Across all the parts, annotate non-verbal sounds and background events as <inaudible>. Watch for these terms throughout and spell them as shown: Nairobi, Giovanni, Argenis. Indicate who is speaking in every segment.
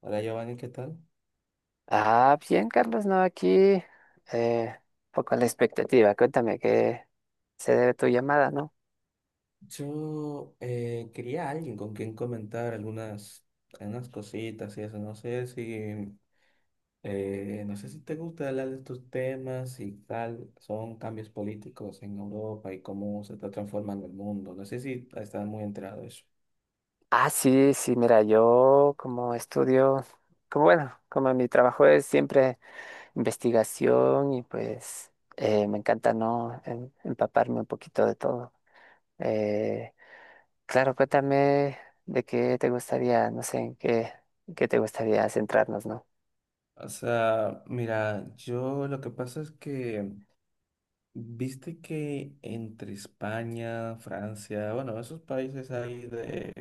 Speaker 1: Hola Giovanni, ¿qué tal?
Speaker 2: Ah, bien, Carlos, no, aquí eh, poco a la expectativa. Cuéntame qué se debe tu llamada, ¿no?
Speaker 1: Yo quería a alguien con quien comentar algunas cositas y eso. No sé si, no sé si te gusta hablar de estos temas y tal. Son cambios políticos en Europa y cómo se está transformando el mundo. No sé si estás muy enterado de eso.
Speaker 2: Ah, sí, sí, mira, yo como estudio, como bueno, como mi trabajo es siempre investigación y pues me encanta, ¿no? Empaparme un poquito de todo. Eh, claro, cuéntame de qué te gustaría, no sé, en qué te gustaría centrarnos, ¿no?
Speaker 1: O sea, mira, yo lo que pasa es que viste que entre España, Francia, bueno, esos países ahí de,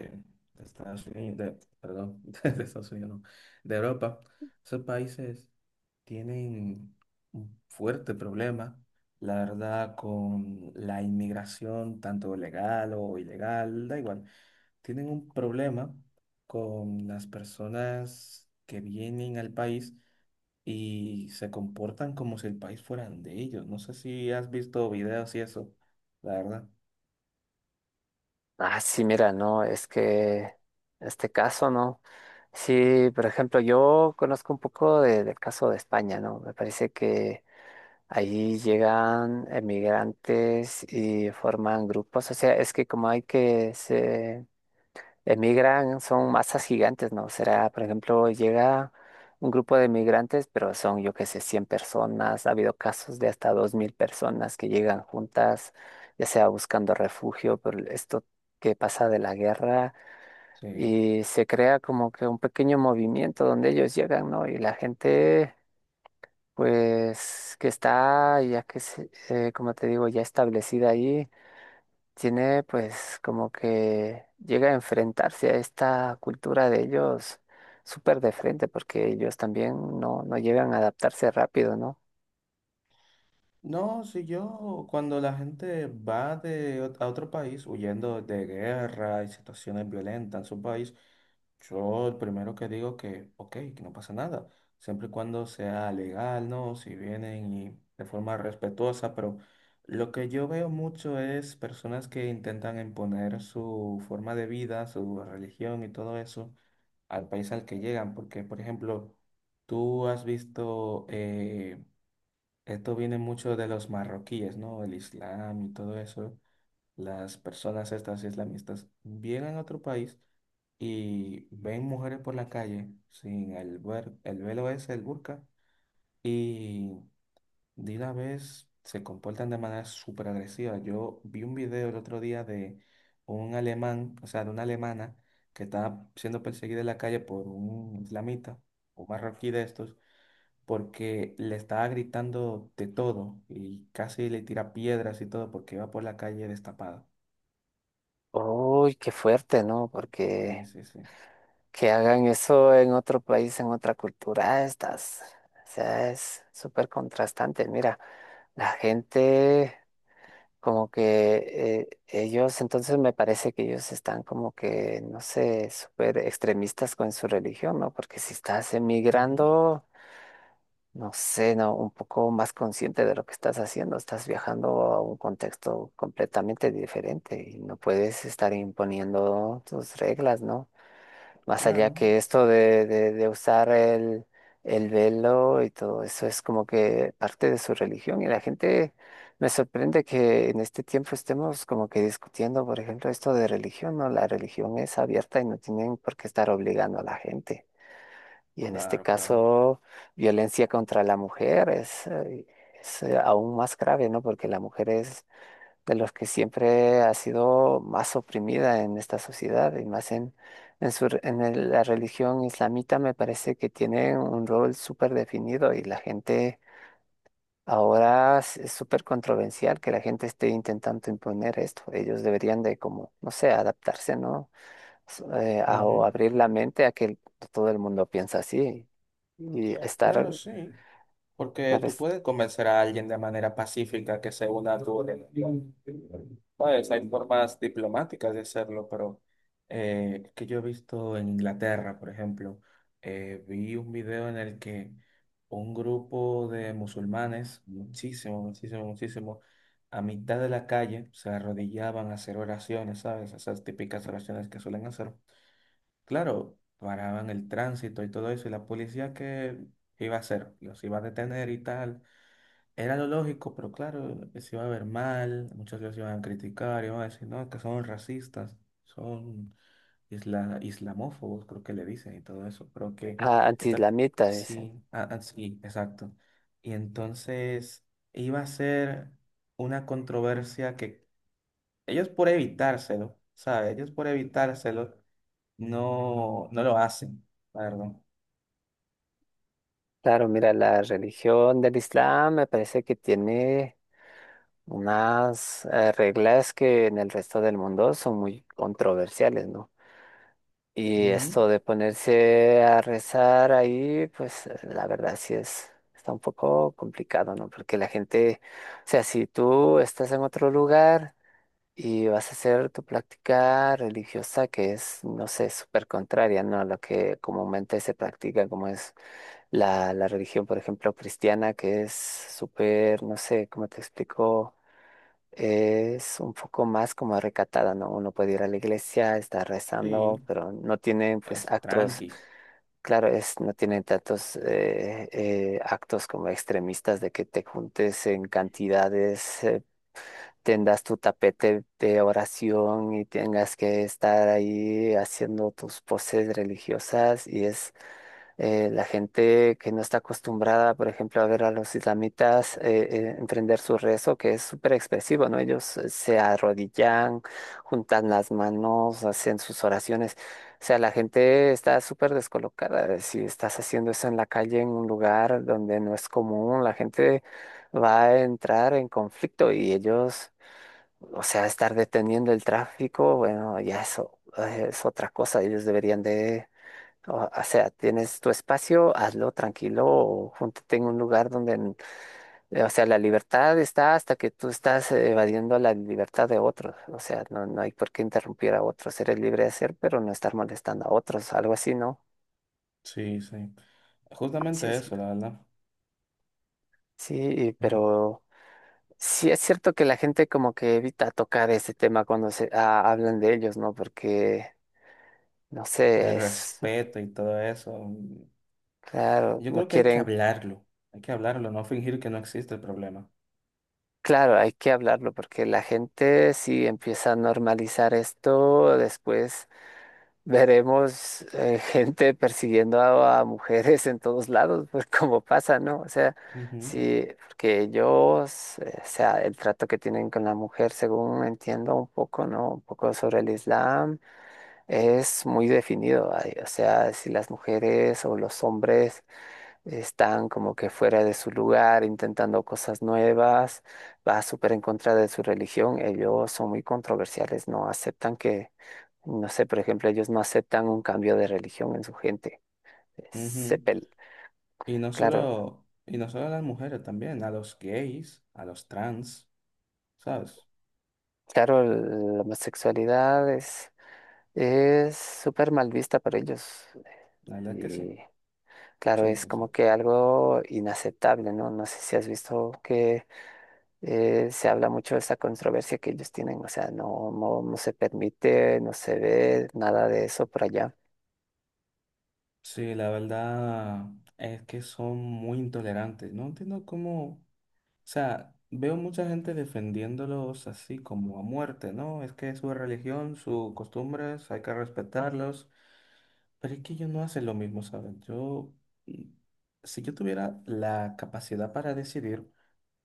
Speaker 1: de Estados Unidos, perdón, <laughs> de Estados Unidos, no, de Europa, esos países tienen un fuerte problema, la verdad, con la inmigración, tanto legal o ilegal, da igual. Tienen un problema con las personas que vienen al país y se comportan como si el país fueran de ellos. No sé si has visto videos y eso, la verdad.
Speaker 2: Ah, sí, mira, no, es que este caso, ¿no? Sí, por ejemplo, yo conozco un poco del caso de España, ¿no? Me parece que ahí llegan emigrantes y forman grupos, o sea, es que como hay que se emigran, son masas gigantes, ¿no? Será, por ejemplo, llega un grupo de migrantes, pero son, yo qué sé, 100 personas. Ha habido casos de hasta 2000 personas que llegan juntas, ya sea buscando refugio por esto que pasa de la guerra,
Speaker 1: Sí.
Speaker 2: y se crea como que un pequeño movimiento donde ellos llegan, ¿no? Y la gente, pues, que está, ya que, como te digo, ya establecida ahí tiene pues como que llega a enfrentarse a esta cultura de ellos súper de frente, porque ellos también no, no llegan a adaptarse rápido, ¿no?
Speaker 1: No, si yo, cuando la gente va a otro país huyendo de guerra y situaciones violentas en su país, yo el primero que digo que, ok, que no pasa nada, siempre y cuando sea legal, ¿no? Si vienen y de forma respetuosa, pero lo que yo veo mucho es personas que intentan imponer su forma de vida, su religión y todo eso al país al que llegan, porque, por ejemplo, tú has visto, esto viene mucho de los marroquíes, ¿no? El Islam y todo eso. Las personas estas islamistas vienen a otro país y ven mujeres por la calle sin el velo ese, el burka, y de una vez se comportan de manera súper agresiva. Yo vi un video el otro día de un alemán, o sea, de una alemana que estaba siendo perseguida en la calle por un islamita, un marroquí de estos, porque le estaba gritando de todo y casi le tira piedras y todo porque iba por la calle destapada.
Speaker 2: Uy, qué fuerte, ¿no?
Speaker 1: Sí,
Speaker 2: Porque
Speaker 1: sí, sí.
Speaker 2: que hagan eso en otro país, en otra cultura, estás, o sea, es súper contrastante. Mira, la gente. Como que ellos, entonces me parece que ellos están como que, no sé, súper extremistas con su religión, ¿no? Porque si estás
Speaker 1: Ujú.
Speaker 2: emigrando, no sé, ¿no? Un poco más consciente de lo que estás haciendo, estás viajando a un contexto completamente diferente y no puedes estar imponiendo tus reglas, ¿no? Más allá
Speaker 1: Claro,
Speaker 2: que esto de usar el velo y todo eso es como que parte de su religión y la gente me sorprende que en este tiempo estemos como que discutiendo, por ejemplo, esto de religión, ¿no? La religión es abierta y no tienen por qué estar obligando a la gente. Y en este
Speaker 1: claro, claro.
Speaker 2: caso, violencia contra la mujer es, es aún más grave, ¿no? Porque la mujer es de los que siempre ha sido más oprimida en esta sociedad y más en en la religión islamita me parece que tiene un rol súper definido y la gente ahora es súper controversial que la gente esté intentando imponer esto. Ellos deberían de como, no sé, adaptarse, ¿no? O
Speaker 1: Ujú.
Speaker 2: abrir la mente a que todo el mundo piensa así y
Speaker 1: Claro,
Speaker 2: estar
Speaker 1: sí. Porque
Speaker 2: claro,
Speaker 1: tú
Speaker 2: es-
Speaker 1: puedes convencer a alguien de manera pacífica que se una a tu organización. Pues hay formas diplomáticas de hacerlo, pero que yo he visto en Inglaterra, por ejemplo, vi un video en el que un grupo de musulmanes, muchísimo, muchísimo, muchísimo, a mitad de la calle se arrodillaban a hacer oraciones, ¿sabes? Esas típicas oraciones que suelen hacer. Claro, paraban el tránsito y todo eso, y la policía que iba a hacer, los iba a detener y tal. Era lo lógico, pero claro, se iba a ver mal, muchos los iban a criticar, iban a decir, no, que son racistas, son islamófobos, creo que le dicen y todo eso, pero que
Speaker 2: ah,
Speaker 1: está,
Speaker 2: anti-islamita, dicen.
Speaker 1: sí, ah, ah, sí, exacto. Y entonces iba a ser una controversia que ellos por evitárselo, ¿sabes? Ellos por evitárselo no lo hacen, la verdad.
Speaker 2: Claro, mira, la religión del Islam me parece que tiene unas reglas que en el resto del mundo son muy controversiales, ¿no? Y
Speaker 1: Ujú.
Speaker 2: esto de ponerse a rezar ahí, pues la verdad sí es, está un poco complicado, ¿no? Porque la gente, o sea, si tú estás en otro lugar y vas a hacer tu práctica religiosa que es, no sé, súper contraria, ¿no? A lo que comúnmente se practica, como es la religión, por ejemplo, cristiana, que es súper, no sé, ¿cómo te explico? Es un poco más como recatada, ¿no? Uno puede ir a la iglesia, estar
Speaker 1: Sí.
Speaker 2: rezando, pero no tiene pues
Speaker 1: Es
Speaker 2: actos,
Speaker 1: tranqui.
Speaker 2: claro, es, no tiene tantos actos como extremistas de que te juntes en cantidades tendas tu tapete de oración y tengas que estar ahí haciendo tus poses religiosas y es la gente que no está acostumbrada, por ejemplo, a ver a los islamitas emprender su rezo, que es súper expresivo, ¿no? Ellos se arrodillan, juntan las manos, hacen sus oraciones. O sea, la gente está súper descolocada. Si estás haciendo eso en la calle, en un lugar donde no es común, la gente va a entrar en conflicto y ellos o sea, estar deteniendo el tráfico, bueno, ya eso es otra cosa. Ellos deberían de, o sea, tienes tu espacio, hazlo tranquilo o júntate en un lugar donde, o sea, la libertad está hasta que tú estás evadiendo la libertad de otros. O sea, no, no hay por qué interrumpir a otros. Eres libre de hacer, pero no estar molestando a otros, algo así, ¿no?
Speaker 1: Sí, sí.
Speaker 2: Sí,
Speaker 1: Justamente
Speaker 2: sí.
Speaker 1: eso, la verdad.
Speaker 2: Sí, pero sí es cierto que la gente como que evita tocar ese tema cuando se ah, hablan de ellos, ¿no? Porque, no
Speaker 1: El
Speaker 2: sé, es...
Speaker 1: respeto y todo eso.
Speaker 2: Claro,
Speaker 1: Yo
Speaker 2: no
Speaker 1: creo que hay que
Speaker 2: quieren,
Speaker 1: hablarlo. Hay que hablarlo, no fingir que no existe el problema.
Speaker 2: claro, hay que hablarlo porque la gente si empieza a normalizar esto, después veremos <laughs> gente persiguiendo a mujeres en todos lados, pues como pasa, ¿no? O sea,
Speaker 1: Ujú.
Speaker 2: sí, porque ellos, o sea, el trato que tienen con la mujer, según entiendo un poco, ¿no? Un poco sobre el Islam, es muy definido, ay, o sea, si las mujeres o los hombres están como que fuera de su lugar, intentando cosas nuevas, va súper en contra de su religión. Ellos son muy controversiales, no aceptan que, no sé, por ejemplo, ellos no aceptan un cambio de religión en su gente. Se
Speaker 1: Ujú.
Speaker 2: pel-
Speaker 1: Y no
Speaker 2: claro,
Speaker 1: solo, y no solo a las mujeres también, a los gays, a los trans, ¿sabes?
Speaker 2: claro, la homosexualidad es súper mal vista para ellos.
Speaker 1: La verdad que sí.
Speaker 2: Y claro,
Speaker 1: Sí,
Speaker 2: es
Speaker 1: sí, sí.
Speaker 2: como que algo inaceptable, ¿no? No sé si has visto que se habla mucho de esa controversia que ellos tienen, o sea, no se permite, no se ve nada de eso por allá.
Speaker 1: Sí, la verdad es que son muy intolerantes. No entiendo cómo. O sea, veo mucha gente defendiéndolos así como a muerte, ¿no? Es que su religión, sus costumbres, hay que respetarlos. Pero es que ellos no hacen lo mismo, ¿saben? Mm, si yo tuviera la capacidad para decidir,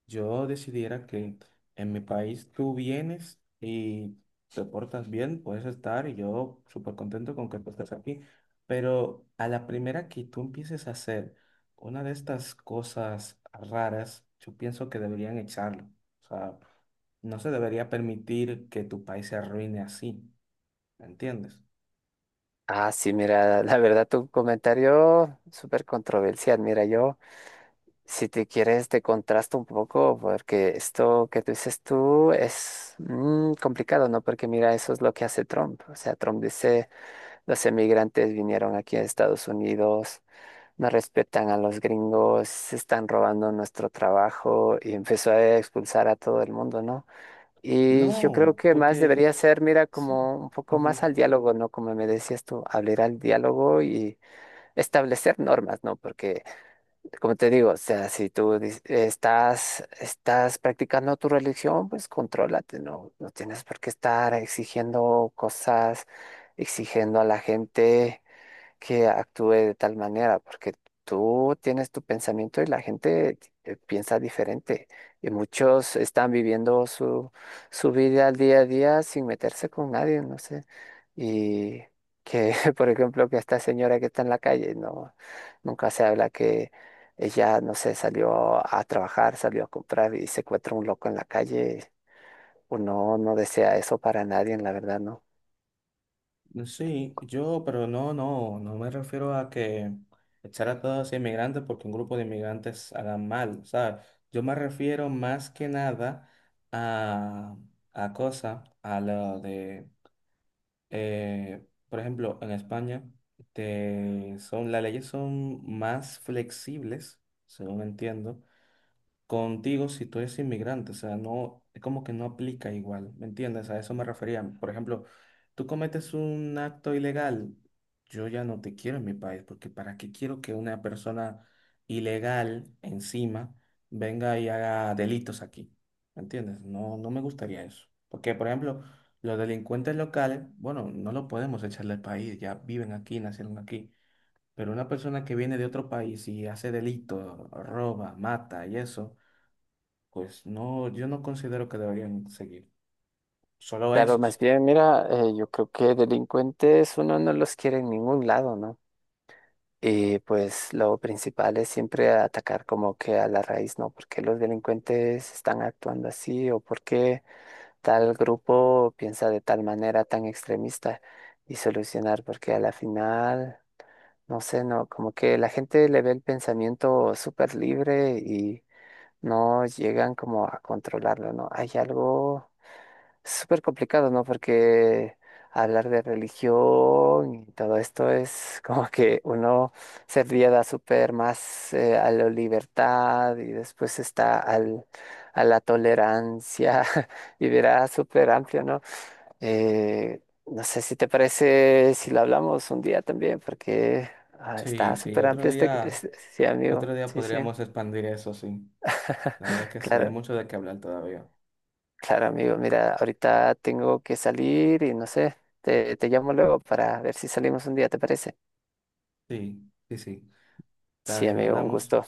Speaker 1: yo decidiera que en mi país tú vienes y te portas bien, puedes estar y yo súper contento con que tú estés aquí, pero a la primera que tú empieces a hacer una de estas cosas raras, yo pienso que deberían echarlo. O sea, no se debería permitir que tu país se arruine así, ¿me entiendes?
Speaker 2: Ah, sí, mira, <laughs> la verdad tu comentario súper controversial. Mira, yo, si te quieres, te contrasto un poco porque esto que tú dices tú es mm, complicado, ¿no? Porque mira, eso es lo que hace Trump. O sea, Trump dice, los emigrantes vinieron aquí a Estados Unidos no respetan a los gringos, se están robando nuestro trabajo y empezó a expulsar a todo el mundo, ¿no? Y yo creo
Speaker 1: No,
Speaker 2: que más
Speaker 1: porque
Speaker 2: debería ser, mira,
Speaker 1: sí.
Speaker 2: como un poco más al diálogo, ¿no? Como me decías tú, abrir al diálogo y establecer normas, ¿no? Porque, como te digo, o sea, si tú estás, estás practicando tu religión, pues contrólate, ¿no? No tienes por qué estar exigiendo cosas, exigiendo a la gente que actúe de tal manera, porque tú tienes tu pensamiento y la gente piensa diferente. Y muchos están viviendo su vida al día a día sin meterse con nadie, no sé. Y que, <laughs> por ejemplo, que esta señora que está en la calle, no, nunca se habla que ella, no sé, salió a trabajar, salió a comprar y se encuentra un loco en la calle. Uno no desea eso para nadie, la verdad, ¿no?
Speaker 1: Sí, yo, pero no, no, no me refiero a que echar a todos los inmigrantes porque un grupo de inmigrantes hagan mal, ¿sabes? Yo me refiero más que nada a, a cosas, a lo de, eh, por ejemplo, en España, son, las leyes son más flexibles, según entiendo, contigo si tú eres inmigrante, o sea, no, es como que no aplica igual, ¿me entiendes? A eso me refería. Por ejemplo, tú cometes un acto ilegal, yo ya no te quiero en mi país, porque ¿para qué quiero que una persona ilegal encima venga y haga delitos aquí? ¿Me entiendes? No, no me gustaría eso. Porque, por ejemplo, los delincuentes locales, bueno, no lo podemos echar del país, ya viven aquí, nacieron aquí. Pero una persona que viene de otro país y hace delito, roba, mata y eso, pues no, yo no considero que deberían seguir. Solo
Speaker 2: Claro,
Speaker 1: esos.
Speaker 2: más bien, mira, yo creo que delincuentes uno no los quiere en ningún lado, ¿no? Y pues lo principal es siempre atacar como que a la raíz, ¿no? ¿Por qué los delincuentes están actuando así o por qué tal grupo piensa de tal manera tan extremista y solucionar? Porque a la final, no sé, ¿no? Como que la gente le ve el pensamiento súper libre y no llegan como a controlarlo, ¿no? Hay algo es súper complicado, ¿no? Porque hablar de religión y todo esto es como que uno se riega súper más a la libertad y después está al, a la tolerancia <laughs> y verá súper amplio, ¿no? Eh, no sé si te parece si lo hablamos un día también, porque ah,
Speaker 1: Sí,
Speaker 2: está
Speaker 1: sí,
Speaker 2: súper amplio este, este- sí, amigo.
Speaker 1: otro día
Speaker 2: Sí, sí,
Speaker 1: podríamos expandir eso, sí. La verdad es que sí, hay
Speaker 2: claro.
Speaker 1: mucho de qué hablar todavía.
Speaker 2: Claro, amigo, mira, ahorita tengo que salir y no sé, te llamo luego para ver si salimos un día, ¿te parece?
Speaker 1: Sí, sí, sí. Está
Speaker 2: Sí,
Speaker 1: bien,
Speaker 2: amigo, un
Speaker 1: hablamos.
Speaker 2: gusto.